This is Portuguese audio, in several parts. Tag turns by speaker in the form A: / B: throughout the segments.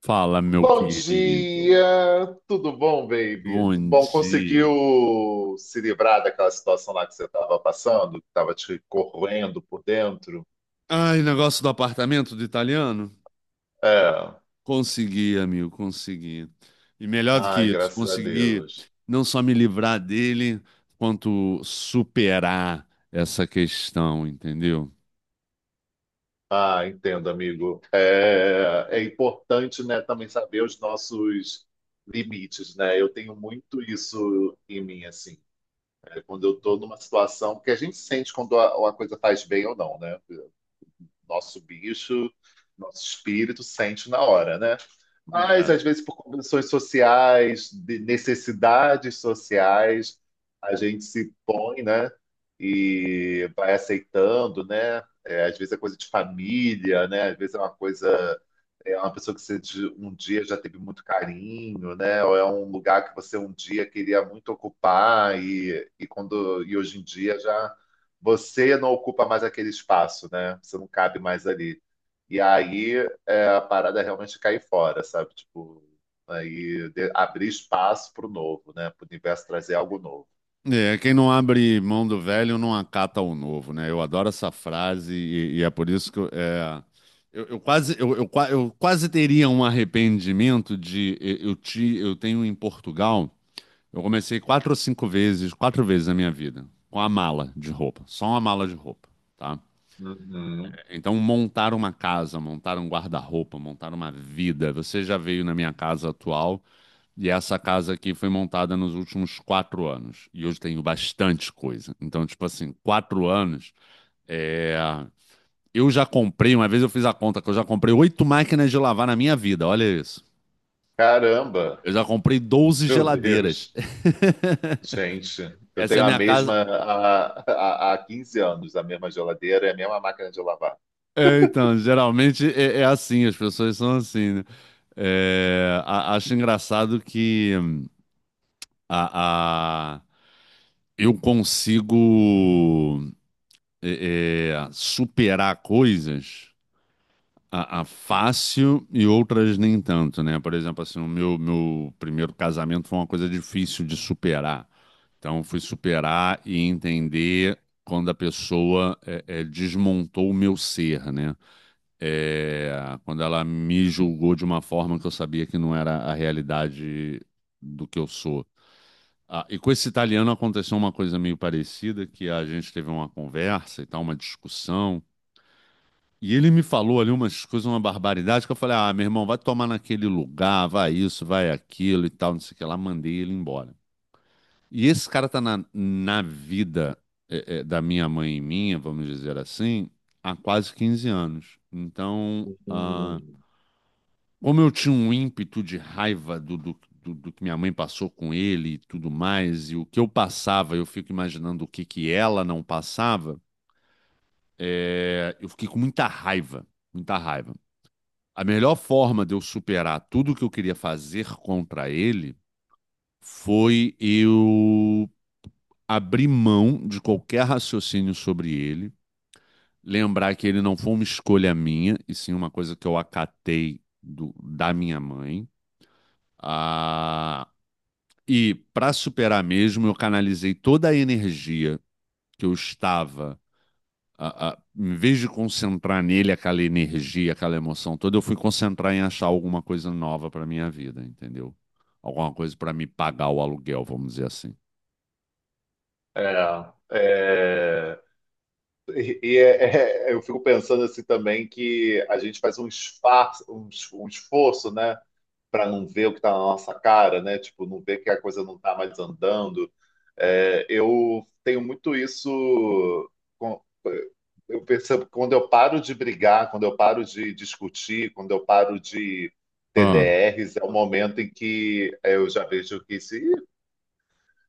A: Fala, meu
B: Bom
A: querido.
B: dia, tudo bom, baby? Tudo
A: Bom
B: bom?
A: dia.
B: Conseguiu se livrar daquela situação lá que você estava passando, que estava te corroendo por dentro?
A: Ai, negócio do apartamento do italiano?
B: É,
A: Consegui, amigo, consegui. E melhor do que
B: ai,
A: isso,
B: graças a
A: consegui
B: Deus.
A: não só me livrar dele, quanto superar essa questão, entendeu?
B: Ah, entendo, amigo. É importante, né, também saber os nossos limites, né? Eu tenho muito isso em mim, assim, né? Quando eu estou numa situação que a gente sente quando a coisa faz bem ou não, né? Nosso bicho, nosso espírito sente na hora, né? Mas às vezes por condições sociais, de necessidades sociais, a gente se põe, né? E vai aceitando, né? É, às vezes é coisa de família, né? Às vezes é uma coisa, é uma pessoa que você um dia já teve muito carinho, né? Ou é um lugar que você um dia queria muito ocupar e quando e hoje em dia já você não ocupa mais aquele espaço, né? Você não cabe mais ali. E aí é, a parada é realmente cair fora, sabe? Tipo, aí abrir espaço para o novo, né? Para o universo trazer algo novo.
A: É, quem não abre mão do velho não acata o novo, né? Eu adoro essa frase e é por isso que eu quase teria um arrependimento de eu ti- eu tenho em Portugal. Eu comecei quatro ou cinco vezes, quatro vezes na minha vida, com a mala de roupa, só uma mala de roupa, tá?
B: Uhum.
A: Então, montar uma casa, montar um guarda-roupa, montar uma vida. Você já veio na minha casa atual e essa casa aqui foi montada nos últimos 4 anos. E eu tenho bastante coisa. Então, tipo assim, 4 anos. é, uma vez eu fiz a conta que eu já comprei oito máquinas de lavar na minha vida. Olha isso.
B: Caramba,
A: Eu já comprei doze
B: meu
A: geladeiras.
B: Deus. Gente, eu
A: Essa é a
B: tenho a
A: minha casa.
B: mesma há 15 anos, a mesma geladeira e a mesma máquina de lavar.
A: É, então, geralmente é assim, as pessoas são assim, né? É, acho engraçado que a, a- eu consigo superar coisas a fácil e outras nem tanto, né? Por exemplo, assim, o meu primeiro casamento foi uma coisa difícil de superar. Então, eu fui superar e entender quando a pessoa desmontou o meu ser, né? É, quando ela me julgou de uma forma que eu sabia que não era a realidade do que eu sou. Ah, e com esse italiano aconteceu uma coisa meio parecida, que a gente teve uma conversa e tal, uma discussão. E ele me falou ali umas coisas, uma barbaridade, que eu falei, ah, meu irmão, vai tomar naquele lugar, vai isso, vai aquilo e tal, não sei o que lá, mandei ele embora. E esse cara tá na vida da minha mãe e minha, vamos dizer assim, há quase 15 anos. Então, ah,
B: Hum.
A: como eu tinha um ímpeto de raiva do que minha mãe passou com ele e tudo mais, e o que eu passava, eu fico imaginando o que que ela não passava. Eu fiquei com muita raiva, muita raiva. A melhor forma de eu superar tudo o que eu queria fazer contra ele foi eu abrir mão de qualquer raciocínio sobre ele, lembrar que ele não foi uma escolha minha, e sim uma coisa que eu acatei do- da minha mãe. Ah, e para superar mesmo, eu canalizei toda a energia que eu estava, em vez de concentrar nele aquela energia, aquela emoção toda, eu fui concentrar em achar alguma coisa nova para minha vida, entendeu? Alguma coisa para me pagar o aluguel, vamos dizer assim.
B: É, é. E eu fico pensando assim também que a gente faz um esforço, um esforço, né, para não ver o que está na nossa cara, né? Tipo, não ver que a coisa não está mais andando. É, eu tenho muito isso. com- eu percebo que quando eu paro de brigar, quando eu paro de discutir, quando eu paro de
A: Ah.
B: TDRs, é o momento em que eu já vejo que se "Ih,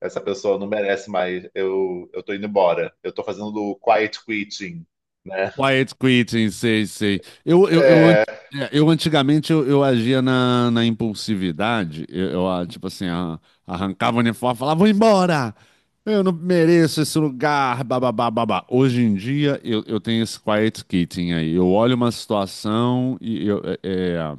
B: essa pessoa não merece mais, eu estou indo embora. Eu estou fazendo o quiet quitting, né?
A: Quiet quitting, sei, sei. Eu antigamente eu agia na impulsividade. Eu, tipo assim, arrancava o uniforme, e falava, vou embora! Eu não mereço esse lugar, bababá, babá. Hoje em dia eu tenho esse quiet quitting aí. Eu olho uma situação e eu, é, é,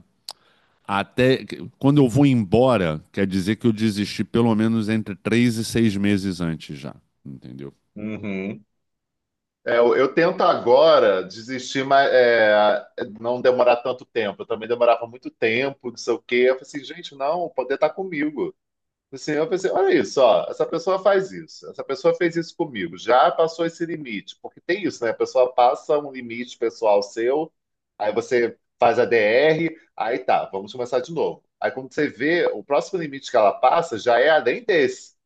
A: até que- quando eu vou embora, quer dizer que eu desisti pelo menos entre 3 e 6 meses antes já, entendeu?
B: Uhum. É, eu tento agora desistir, mas é, não demorar tanto tempo. Eu também demorava muito tempo, não sei o quê. Eu falei assim, gente, não, poder estar comigo. Assim, eu pensei, olha isso, ó, essa pessoa faz isso, essa pessoa fez isso comigo, já passou esse limite, porque tem isso, né? A pessoa passa um limite pessoal seu, aí você faz a DR, aí tá, vamos começar de novo. Aí quando você vê, o próximo limite que ela passa já é além desse,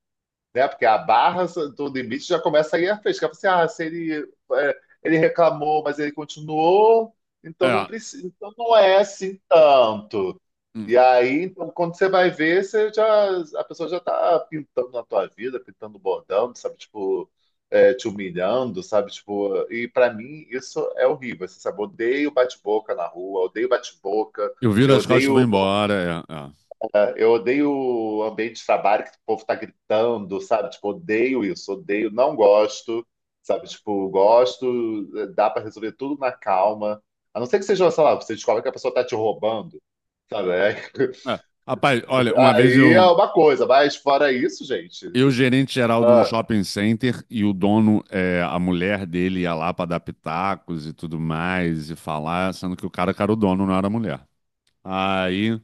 B: né? Porque a barra do limite já começa aí a fresca. Você, ah, se ele, é, ele reclamou, mas ele continuou, então não
A: É.
B: precisa, então não é assim tanto. E
A: hum.
B: aí, então, quando você vai ver, você já, a pessoa já tá pintando na tua vida, pintando bordão, sabe? Tipo, é, te humilhando, sabe? Tipo, e para mim isso é horrível, você sabe? Eu odeio bate-boca na rua, eu odeio bate-boca,
A: Eu viro
B: eu
A: as costas e vou
B: odeio
A: embora. É, é.
B: eu odeio o ambiente de trabalho que o povo tá gritando, sabe? Tipo, odeio isso, odeio, não gosto, sabe? Tipo, gosto, dá pra resolver tudo na calma. A não ser que seja, sei lá, você descobre que a pessoa tá te roubando, sabe? Aí
A: É. Rapaz, olha, uma vez
B: aí é
A: eu,
B: uma coisa, mas fora isso, gente,
A: eu gerente geral de um
B: ah,
A: shopping center, e o dono, a mulher dele ia lá para dar pitacos e tudo mais e falar, sendo que o cara que era o dono, não era a mulher. Aí,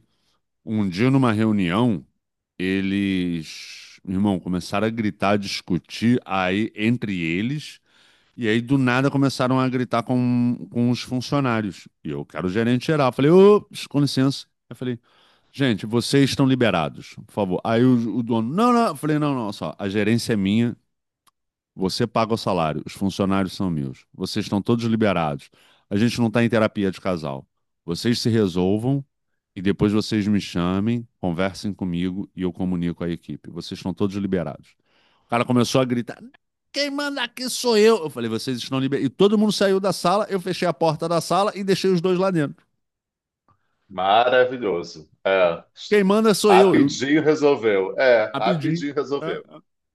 A: um dia numa reunião, eles, meu irmão, começaram a gritar, a discutir aí entre eles, e aí do nada começaram a gritar com os funcionários. E eu, que era o gerente geral, falei, ô, com licença. Eu falei, gente, vocês estão liberados, por favor. Aí o dono, não, não, eu falei, não, não, só, a gerência é minha, você paga o salário, os funcionários são meus, vocês estão todos liberados. A gente não está em terapia de casal. Vocês se resolvam e depois vocês me chamem, conversem comigo e eu comunico a equipe. Vocês estão todos liberados. O cara começou a gritar: quem manda aqui sou eu. Eu falei, vocês estão liberados. E todo mundo saiu da sala, eu fechei a porta da sala e deixei os dois lá dentro.
B: maravilhoso. É.
A: Quem manda sou eu. Eu
B: Rapidinho resolveu. É,
A: rapidinho.
B: rapidinho
A: É.
B: resolveu.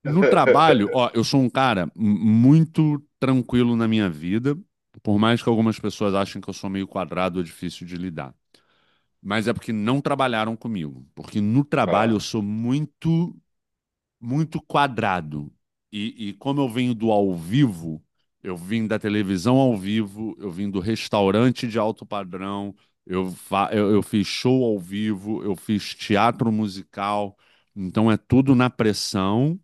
A: No trabalho, ó, eu sou um cara muito tranquilo na minha vida, por mais que algumas pessoas achem que eu sou meio quadrado ou difícil de lidar. Mas é porque não trabalharam comigo. Porque no trabalho
B: É,
A: eu sou muito, muito quadrado. E como eu venho do ao vivo, eu vim da televisão ao vivo, eu vim do restaurante de alto padrão, eu fiz show ao vivo, eu fiz teatro musical. Então é tudo na pressão.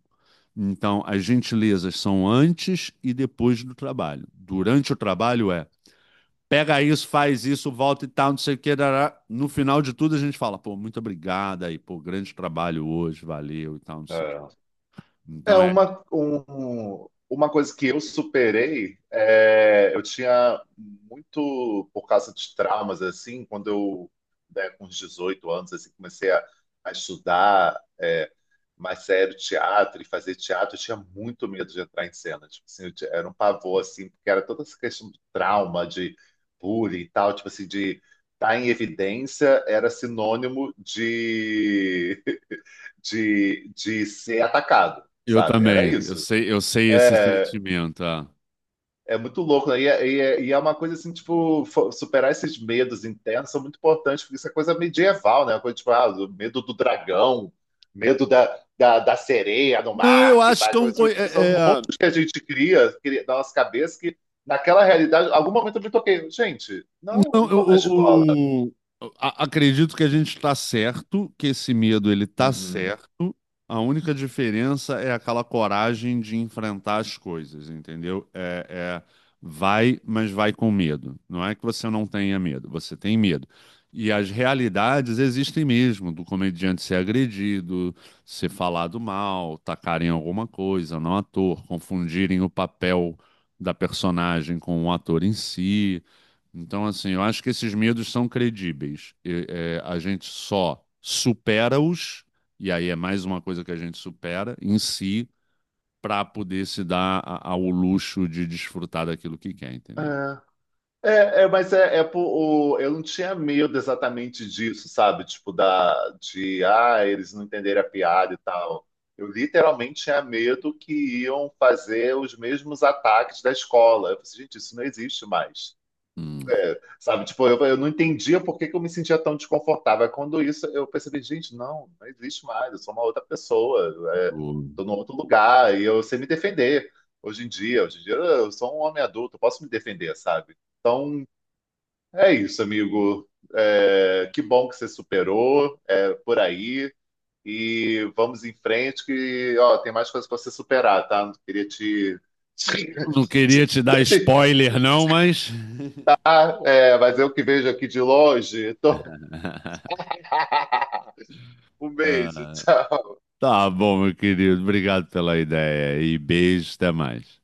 A: Então, as gentilezas são antes e depois do trabalho. Durante o trabalho é pega isso, faz isso, volta e tal, não sei o que. Dará. No final de tudo, a gente fala, pô, muito obrigado aí, pô, grande trabalho hoje, valeu e tal, não sei o que.
B: é. É
A: Então é.
B: uma, uma coisa que eu superei, é, eu tinha muito, por causa de traumas, assim, quando eu, né, com uns 18 anos, assim, comecei a estudar é, mais sério teatro e fazer teatro, eu tinha muito medo de entrar em cena, tipo assim, era um pavor, assim, porque era toda essa questão do trauma, de bullying e tal, tipo assim, de estar em evidência era sinônimo de ser atacado,
A: Eu
B: sabe? Era
A: também,
B: isso.
A: eu sei esse
B: É,
A: sentimento. Ah.
B: é muito louco, né? E é uma coisa assim, tipo, superar esses medos internos são muito importantes, porque isso é coisa medieval, né? Uma coisa, tipo, ah, o medo do dragão, medo da sereia no
A: Não, eu
B: mar, que
A: acho
B: vai.
A: que é um. Co-
B: São
A: é- é-
B: músicas que a gente cria, cria na nossa cabeça, que naquela realidade, em algum momento eu me toquei, gente, não, eu
A: não,
B: não tô na escola.
A: eu- Acredito que a gente está certo, que esse medo ele está
B: Uhum.
A: certo. A única diferença é aquela coragem de enfrentar as coisas, entendeu? É, vai, mas vai com medo. Não é que você não tenha medo, você tem medo. E as realidades existem mesmo, do comediante ser agredido, ser falado mal, tacarem alguma coisa no ator, confundirem o papel da personagem com o ator em si. Então, assim, eu acho que esses medos são credíveis. E, a gente só supera-os, e aí é mais uma coisa que a gente supera em si para poder se dar ao luxo de desfrutar daquilo que quer, entendeu?
B: É. É, mas eu não tinha medo exatamente disso, sabe? Tipo, da, de, ah, eles não entenderem a piada e tal. Eu literalmente tinha medo que iam fazer os mesmos ataques da escola. Eu falei, gente, isso não existe mais.
A: Hum,
B: Sabe? Tipo, eu não entendia por que que eu me sentia tão desconfortável. Aí quando isso, eu percebi, gente, não, não existe mais. Eu sou uma outra pessoa. É,
A: o-
B: tô num outro lugar e eu sei me defender. Hoje em dia, eu sou um homem adulto, eu posso me defender, sabe? Então, é isso, amigo. É, que bom que você superou, é, por aí. E vamos em frente, que ó, tem mais coisas para você superar, tá? Não queria te.
A: Não queria te dar
B: te
A: spoiler, não, mas.
B: dar, é, mas eu que vejo aqui de longe. Um beijo,
A: Ah,
B: tchau.
A: tá bom, meu querido. Obrigado pela ideia e beijo, até mais.